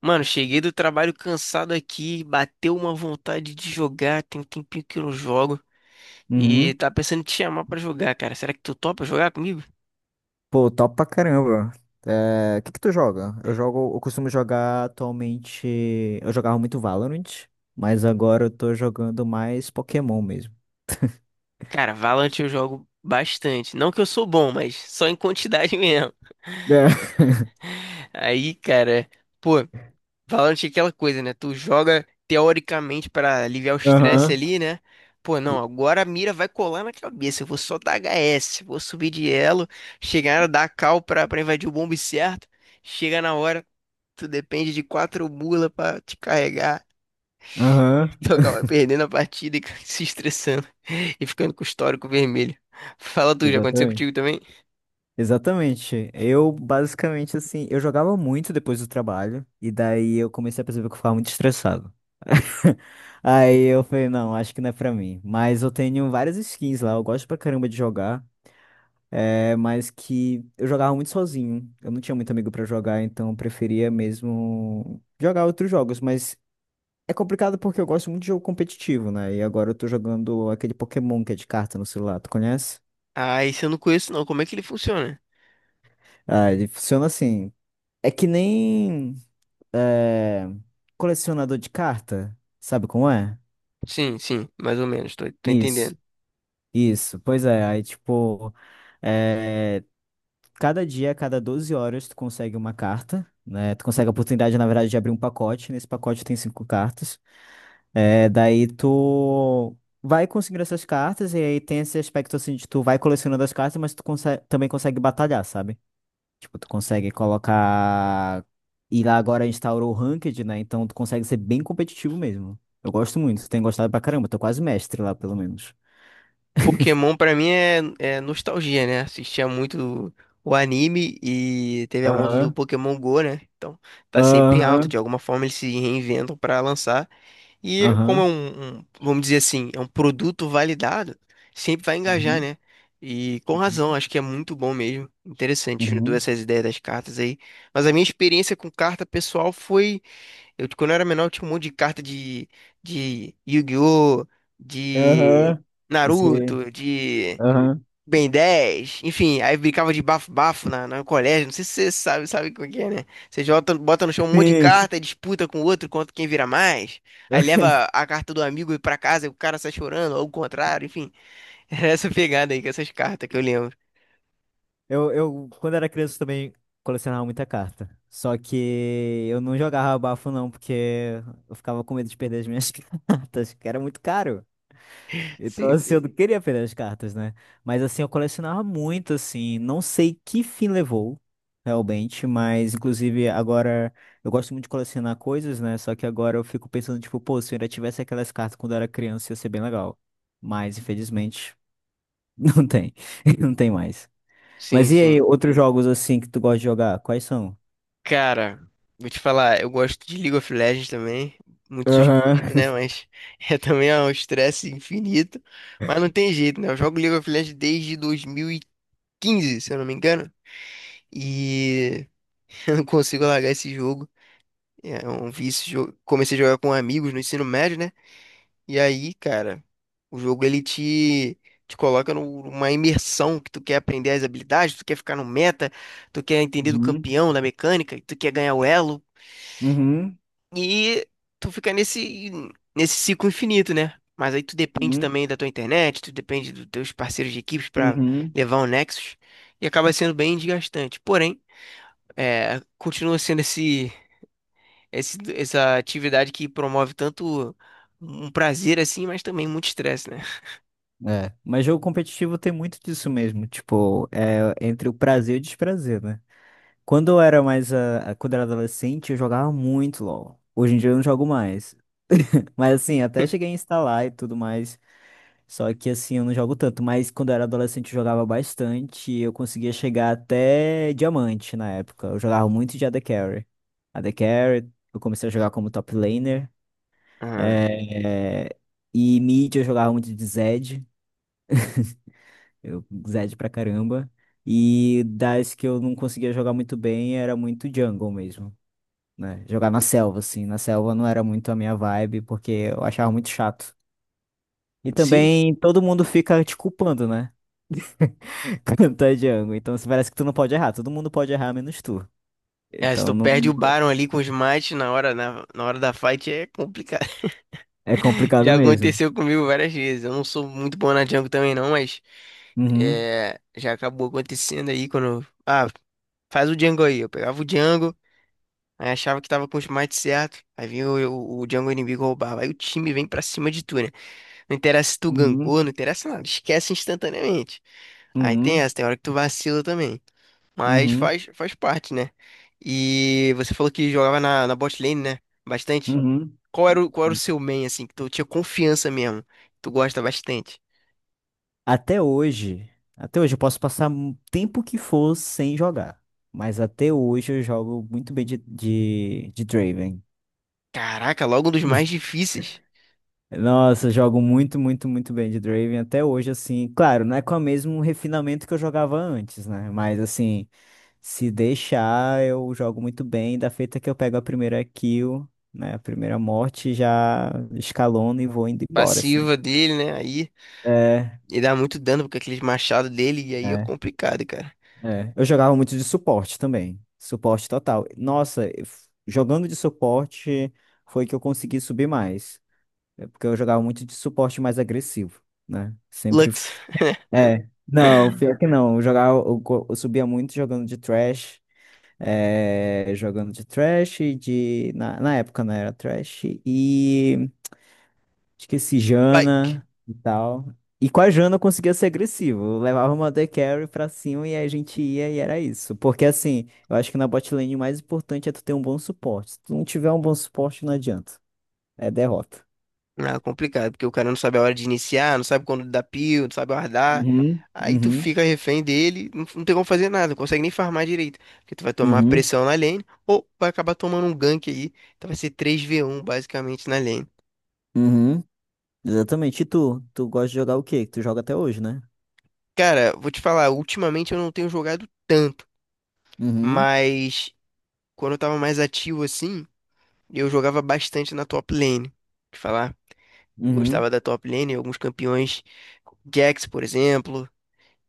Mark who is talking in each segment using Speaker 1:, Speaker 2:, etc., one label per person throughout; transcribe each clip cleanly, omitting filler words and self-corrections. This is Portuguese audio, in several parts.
Speaker 1: Mano, cheguei do trabalho cansado aqui, bateu uma vontade de jogar, tem um tempinho que eu não jogo e
Speaker 2: Uhum.
Speaker 1: tá pensando em te chamar pra jogar, cara. Será que tu topa jogar comigo?
Speaker 2: Pô, top pra caramba. É, o que que tu joga? Eu jogo, eu costumo jogar atualmente. Eu jogava muito Valorant, mas agora eu tô jogando mais Pokémon mesmo.
Speaker 1: Cara, Valorant eu jogo bastante. Não que eu sou bom, mas só em quantidade mesmo.
Speaker 2: É.
Speaker 1: Aí, cara, pô, Valorant é aquela coisa, né? Tu joga teoricamente pra aliviar o estresse
Speaker 2: Aham.
Speaker 1: ali, né? Pô,
Speaker 2: E-
Speaker 1: não, agora a mira vai colar na cabeça. Eu vou só dar HS, vou subir de elo, chegar, dar a cal pra invadir o bombe certo. Chega na hora. Tu depende de quatro mula pra te carregar.
Speaker 2: Aham.
Speaker 1: E tu acaba perdendo a partida e se estressando e ficando com o histórico vermelho. Fala tu, já aconteceu
Speaker 2: Exatamente.
Speaker 1: contigo também?
Speaker 2: Exatamente. Eu basicamente assim, eu jogava muito depois do trabalho, e daí eu comecei a perceber que eu ficava muito estressado. Aí eu falei, não, acho que não é pra mim. Mas eu tenho várias skins lá, eu gosto pra caramba de jogar. É mais que eu jogava muito sozinho. Eu não tinha muito amigo pra jogar, então eu preferia mesmo jogar outros jogos, mas é complicado porque eu gosto muito de jogo competitivo, né? E agora eu tô jogando aquele Pokémon que é de carta no celular, tu conhece?
Speaker 1: Ah, esse eu não conheço não. Como é que ele funciona?
Speaker 2: Ah, ele funciona assim. É que nem é, colecionador de carta, sabe como é?
Speaker 1: Sim, sim, mais ou menos, tô
Speaker 2: Isso,
Speaker 1: entendendo.
Speaker 2: isso. Pois é, aí tipo, eh, cada dia, a cada 12 horas, tu consegue uma carta, né? Tu consegue a oportunidade, na verdade, de abrir um pacote. Nesse pacote tem 5 cartas. É, daí tu vai conseguindo essas cartas, e aí tem esse aspecto assim de tu vai colecionando as cartas, mas tu também consegue batalhar, sabe? Tipo, tu consegue colocar. E lá agora instaurou o Ranked, né? Então tu consegue ser bem competitivo mesmo. Eu gosto muito, tenho gostado pra caramba, tô quase mestre lá, pelo menos.
Speaker 1: Pokémon pra mim é nostalgia, né? Assistia muito o anime e teve a onda do
Speaker 2: Aham,
Speaker 1: Pokémon Go, né? Então tá sempre alto. De
Speaker 2: aham,
Speaker 1: alguma forma eles se reinventam pra lançar. E como é
Speaker 2: aham.
Speaker 1: vamos dizer assim, é um produto validado, sempre vai engajar,
Speaker 2: Uhum,
Speaker 1: né? E com razão,
Speaker 2: uhum,
Speaker 1: acho que é muito bom mesmo. Interessante, juntou
Speaker 2: uhum.
Speaker 1: essas ideias das cartas aí. Mas a minha experiência com carta pessoal foi. Eu, quando eu era menor, eu tinha um monte de carta de Yu-Gi-Oh!, de
Speaker 2: Aham, sim.
Speaker 1: Naruto, de.
Speaker 2: Aham.
Speaker 1: Ben 10 enfim, aí brincava de bafo-bafo na, no colégio, não sei se você sabe, sabe como é que é, né? Você jota, bota no chão um monte de
Speaker 2: Sim.
Speaker 1: carta, disputa com o outro quanto quem vira mais, aí leva a carta do amigo pra casa e o cara sai chorando, ou o contrário, enfim. Era essa pegada aí com essas cartas que eu lembro.
Speaker 2: Quando era criança, também colecionava muita carta. Só que eu não jogava bafo, não, porque eu ficava com medo de perder as minhas cartas, que era muito caro. Então,
Speaker 1: Sim,
Speaker 2: assim, eu não
Speaker 1: sim.
Speaker 2: queria perder as cartas, né? Mas, assim, eu colecionava muito, assim. Não sei que fim levou, realmente, mas, inclusive, agora eu gosto muito de colecionar coisas, né? Só que agora eu fico pensando, tipo, pô, se eu ainda tivesse aquelas cartas quando eu era criança, ia ser bem legal. Mas, infelizmente. Não tem. Não tem mais.
Speaker 1: Sim,
Speaker 2: Mas e aí,
Speaker 1: sim.
Speaker 2: outros jogos assim que tu gosta de jogar? Quais são?
Speaker 1: Cara, vou te falar, eu gosto de League of Legends também. Muito suspeito,
Speaker 2: Aham.
Speaker 1: né? Mas é também é um estresse infinito. Mas não tem jeito, né? Eu jogo League of Legends desde 2015, se eu não me engano. E eu não consigo largar esse jogo. É um vício. Comecei a jogar com amigos no ensino médio, né? E aí, cara, o jogo ele te coloca numa imersão que tu quer aprender as habilidades, tu quer ficar no meta, tu quer entender do
Speaker 2: Uhum.
Speaker 1: campeão, da mecânica, tu quer ganhar o elo.
Speaker 2: Uhum.
Speaker 1: E tu fica nesse ciclo infinito, né? Mas aí tu depende
Speaker 2: Uhum.
Speaker 1: também da tua internet, tu depende dos teus parceiros de equipes pra
Speaker 2: Uhum.
Speaker 1: levar o Nexus. E acaba sendo bem desgastante. Porém, é, continua sendo esse. Essa atividade que promove tanto um prazer assim, mas também muito estresse, né?
Speaker 2: É. Mas jogo competitivo tem muito disso mesmo. Tipo, é entre o prazer e o desprazer, né? Quando eu era mais. Quando eu era adolescente, eu jogava muito LOL. Hoje em dia eu não jogo mais. Mas assim, até cheguei a instalar e tudo mais. Só que assim, eu não jogo tanto, mas quando eu era adolescente eu jogava bastante e eu conseguia chegar até diamante na época. Eu jogava muito de AD Carry. AD Carry, eu comecei a jogar como top laner.
Speaker 1: Aham.
Speaker 2: é, E mid eu jogava muito de Zed. Eu Zed pra caramba. E das que eu não conseguia jogar muito bem era muito jungle mesmo, né? Jogar na selva, assim. Na selva não era muito a minha vibe, porque eu achava muito chato. E
Speaker 1: Sim.
Speaker 2: também todo mundo fica te culpando, né? Cantar Django. Então se parece que tu não pode errar. Todo mundo pode errar, menos tu.
Speaker 1: É, se tu
Speaker 2: Então não
Speaker 1: perde o Baron ali com os mates na hora, na hora da fight é complicado.
Speaker 2: é complicado
Speaker 1: Já
Speaker 2: mesmo.
Speaker 1: aconteceu comigo várias vezes. Eu não sou muito bom na jungle também não, mas
Speaker 2: Uhum,
Speaker 1: é, já acabou acontecendo aí quando. Ah, faz o jungle aí. Eu pegava o jungle, aí achava que tava com os mates certo, aí vinha o jungle inimigo roubava. Aí o time vem pra cima de tu, né? Não interessa se tu
Speaker 2: uhum,
Speaker 1: gankou, não interessa nada. Esquece instantaneamente. Aí tem
Speaker 2: uhum,
Speaker 1: essa, tem hora que tu vacila também. Mas
Speaker 2: uhum,
Speaker 1: faz parte, né? E você falou que jogava na bot lane, né? Bastante.
Speaker 2: uhum.
Speaker 1: Qual era o seu main, assim, que tu tinha confiança mesmo? Tu gosta bastante.
Speaker 2: Até hoje, até hoje eu posso passar o tempo que for sem jogar. Mas até hoje eu jogo muito bem de Draven.
Speaker 1: Caraca, logo um dos mais difíceis.
Speaker 2: Nossa, eu jogo muito, muito, muito bem de Draven até hoje, assim. Claro, não é com o mesmo refinamento que eu jogava antes, né? Mas assim. Se deixar, eu jogo muito bem. Da feita que eu pego a primeira kill, né? A primeira morte, já escalono e vou indo embora, assim.
Speaker 1: Passiva dele, né? Aí
Speaker 2: É,
Speaker 1: ele dá muito dano com aqueles machados dele e aí é
Speaker 2: é,
Speaker 1: complicado, cara.
Speaker 2: É. Eu jogava muito de suporte também. Suporte total. Nossa, eu jogando de suporte foi que eu consegui subir mais. É. Porque eu jogava muito de suporte mais agressivo, né? Sempre.
Speaker 1: Lux.
Speaker 2: É. Não, pior que não. Eu jogava, eu, go- Eu subia muito jogando de trash. Jogando de Thresh, de... Na época não era Thresh, e esqueci
Speaker 1: Pike.
Speaker 2: Jana e tal. E com a Jana eu conseguia ser agressivo, eu levava uma AD Carry pra cima e a gente ia e era isso. Porque assim, eu acho que na bot lane o mais importante é tu ter um bom suporte. Se tu não tiver um bom suporte, não adianta, é derrota.
Speaker 1: Ah, complicado, porque o cara não sabe a hora de iniciar, não sabe quando dar pio, não sabe guardar.
Speaker 2: Uhum,
Speaker 1: Aí tu
Speaker 2: uhum,
Speaker 1: fica refém dele, não, não tem como fazer nada, não consegue nem farmar direito. Porque tu vai tomar
Speaker 2: uhum,
Speaker 1: pressão na lane, ou vai acabar tomando um gank aí. Então vai ser três v um basicamente na lane.
Speaker 2: uhum. Exatamente. E tu? Tu gosta de jogar o quê? Que tu joga até hoje, né?
Speaker 1: Cara, vou te falar, ultimamente eu não tenho jogado tanto,
Speaker 2: Uhum,
Speaker 1: mas quando eu tava mais ativo assim, eu jogava bastante na top lane. Te falar,
Speaker 2: uhum,
Speaker 1: gostava da top lane, alguns campeões, Jax, por exemplo,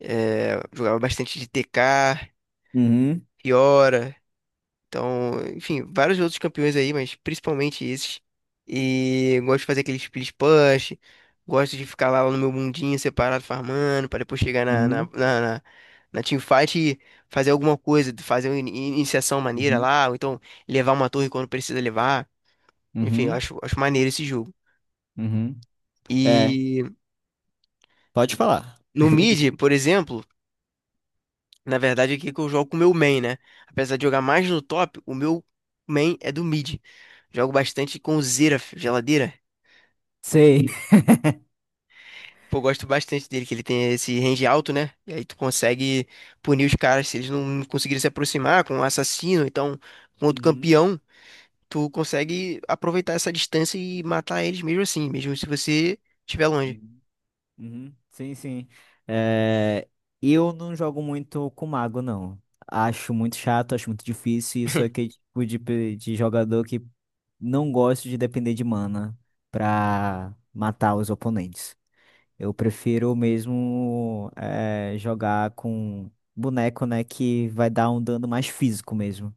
Speaker 1: jogava bastante de TK.
Speaker 2: uhum,
Speaker 1: Fiora, então, enfim, vários outros campeões aí, mas principalmente esses. E eu gosto de fazer aqueles split push, gosto de ficar lá no meu mundinho separado farmando, para depois chegar na, na,
Speaker 2: uhum.
Speaker 1: na, na, na teamfight e fazer alguma coisa, fazer uma iniciação maneira
Speaker 2: Uhum,
Speaker 1: lá, ou então levar uma torre quando precisa levar. Enfim, eu
Speaker 2: uhum.
Speaker 1: acho maneiro esse jogo.
Speaker 2: Uhum. É,
Speaker 1: E
Speaker 2: pode falar.
Speaker 1: no mid, por exemplo. Na verdade, aqui que eu jogo com o meu main, né? Apesar de jogar mais no top, o meu main é do mid. Jogo bastante com o Xerath, geladeira.
Speaker 2: Sei.
Speaker 1: Pô, gosto bastante dele, que ele tem esse range alto, né? E aí tu consegue punir os caras se eles não conseguirem se aproximar com um assassino, então com outro
Speaker 2: Uhum,
Speaker 1: campeão, tu consegue aproveitar essa distância e matar eles mesmo assim, mesmo se você estiver longe.
Speaker 2: uhum, uhum. Sim, sim. É, eu não jogo muito com mago, não. Acho muito chato, acho muito difícil. E sou aquele tipo de jogador que não gosto de depender de mana pra matar os oponentes. Eu prefiro mesmo é, jogar com boneco, né, que vai dar um dano mais físico mesmo.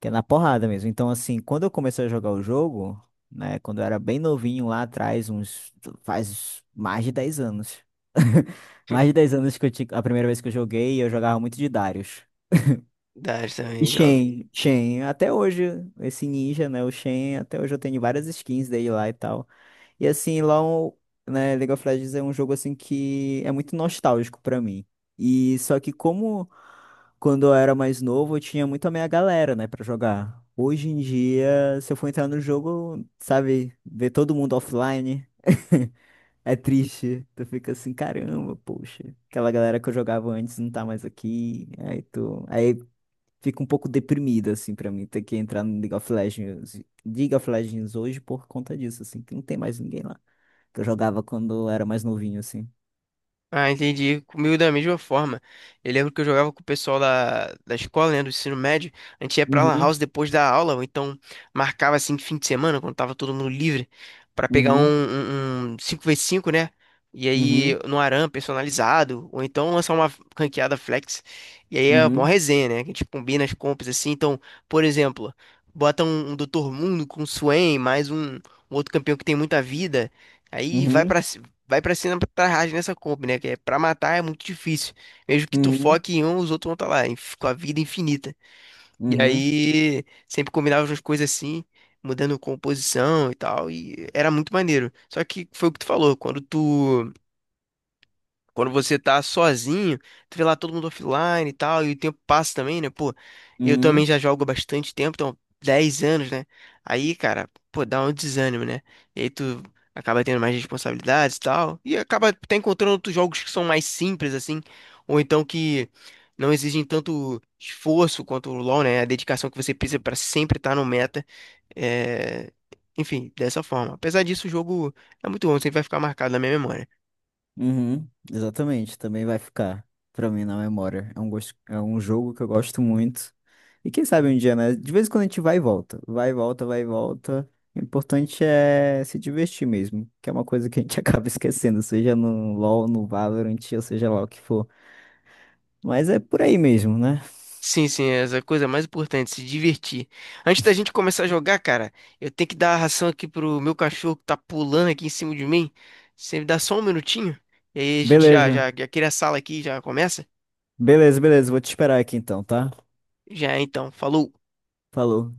Speaker 2: Que é na porrada mesmo. Então, assim, quando eu comecei a jogar o jogo, né, quando eu era bem novinho lá atrás, uns, faz mais de 10 anos. Mais de 10 anos que a primeira vez que eu joguei, eu jogava muito de Darius.
Speaker 1: Dá,
Speaker 2: E
Speaker 1: também.
Speaker 2: Shen, até hoje, esse ninja, né, o Shen, até hoje eu tenho várias skins dele lá e tal. E assim, lá, né, League of Legends é um jogo assim que é muito nostálgico pra mim. E só que como quando eu era mais novo, eu tinha muito a minha galera, né, pra jogar. Hoje em dia, se eu for entrar no jogo, sabe, ver todo mundo offline, é triste. Tu fica assim, caramba, poxa, aquela galera que eu jogava antes não tá mais aqui. Aí tu, aí fica um pouco deprimido assim pra mim ter que entrar no League of Legends hoje por conta disso, assim, que não tem mais ninguém lá que eu jogava quando eu era mais novinho assim.
Speaker 1: Ah, entendi. Comigo da mesma forma. Eu lembro que eu jogava com o pessoal da escola, né, do ensino médio. A gente ia pra Lan House
Speaker 2: Uhum,
Speaker 1: depois da aula, ou então marcava assim de fim de semana, quando tava todo mundo livre, pra pegar um,
Speaker 2: uhum,
Speaker 1: um, um cinco, v 5 né? E aí
Speaker 2: uhum,
Speaker 1: no ARAM personalizado, ou então lançar uma ranqueada flex. E aí é uma
Speaker 2: uhum,
Speaker 1: resenha, né? Que a gente combina as compras assim. Então, por exemplo, bota um Dr. Mundo com o Swain, mais um outro campeão que tem muita vida. Aí vai pra
Speaker 2: uhum,
Speaker 1: vai pra cima pra rage nessa comp, né? Que é pra matar é muito difícil. Mesmo que tu
Speaker 2: uhum, uhum,
Speaker 1: foque em um, os outros vão estar lá, com a vida infinita. E
Speaker 2: uhum.
Speaker 1: aí, sempre combinava umas coisas assim, mudando composição e tal, e era muito maneiro. Só que foi o que tu falou, quando você tá sozinho, tu vê lá todo mundo offline e tal, e o tempo passa também, né? Pô, eu também
Speaker 2: Uhum,
Speaker 1: já jogo há bastante tempo, então 10 anos, né? Aí, cara, pô, dá um desânimo, né? E aí tu acaba tendo mais responsabilidades e tal, e acaba até encontrando outros jogos que são mais simples, assim, ou então que não exigem tanto esforço quanto o LoL, né? A dedicação que você precisa pra sempre estar no meta. É... Enfim, dessa forma. Apesar disso, o jogo é muito bom, sempre vai ficar marcado na minha memória.
Speaker 2: uhum, exatamente, também vai ficar pra mim na memória. É um gosto, é um jogo que eu gosto muito. E quem sabe um dia, né? De vez em quando a gente vai e volta, vai e volta, vai e volta. O importante é se divertir mesmo, que é uma coisa que a gente acaba esquecendo, seja no LoL, no Valorant, ou seja lá o que for. Mas é por aí mesmo, né?
Speaker 1: Sim, sim, essa é a coisa mais importante, se divertir. Antes da gente começar a jogar, cara, eu tenho que dar a ração aqui pro meu cachorro que tá pulando aqui em cima de mim. Você me dá só um minutinho? E aí a gente já,
Speaker 2: Beleza,
Speaker 1: já, já cria a sala aqui, e já começa?
Speaker 2: beleza, beleza. Vou te esperar aqui então, tá?
Speaker 1: Já, então, falou.
Speaker 2: Falou.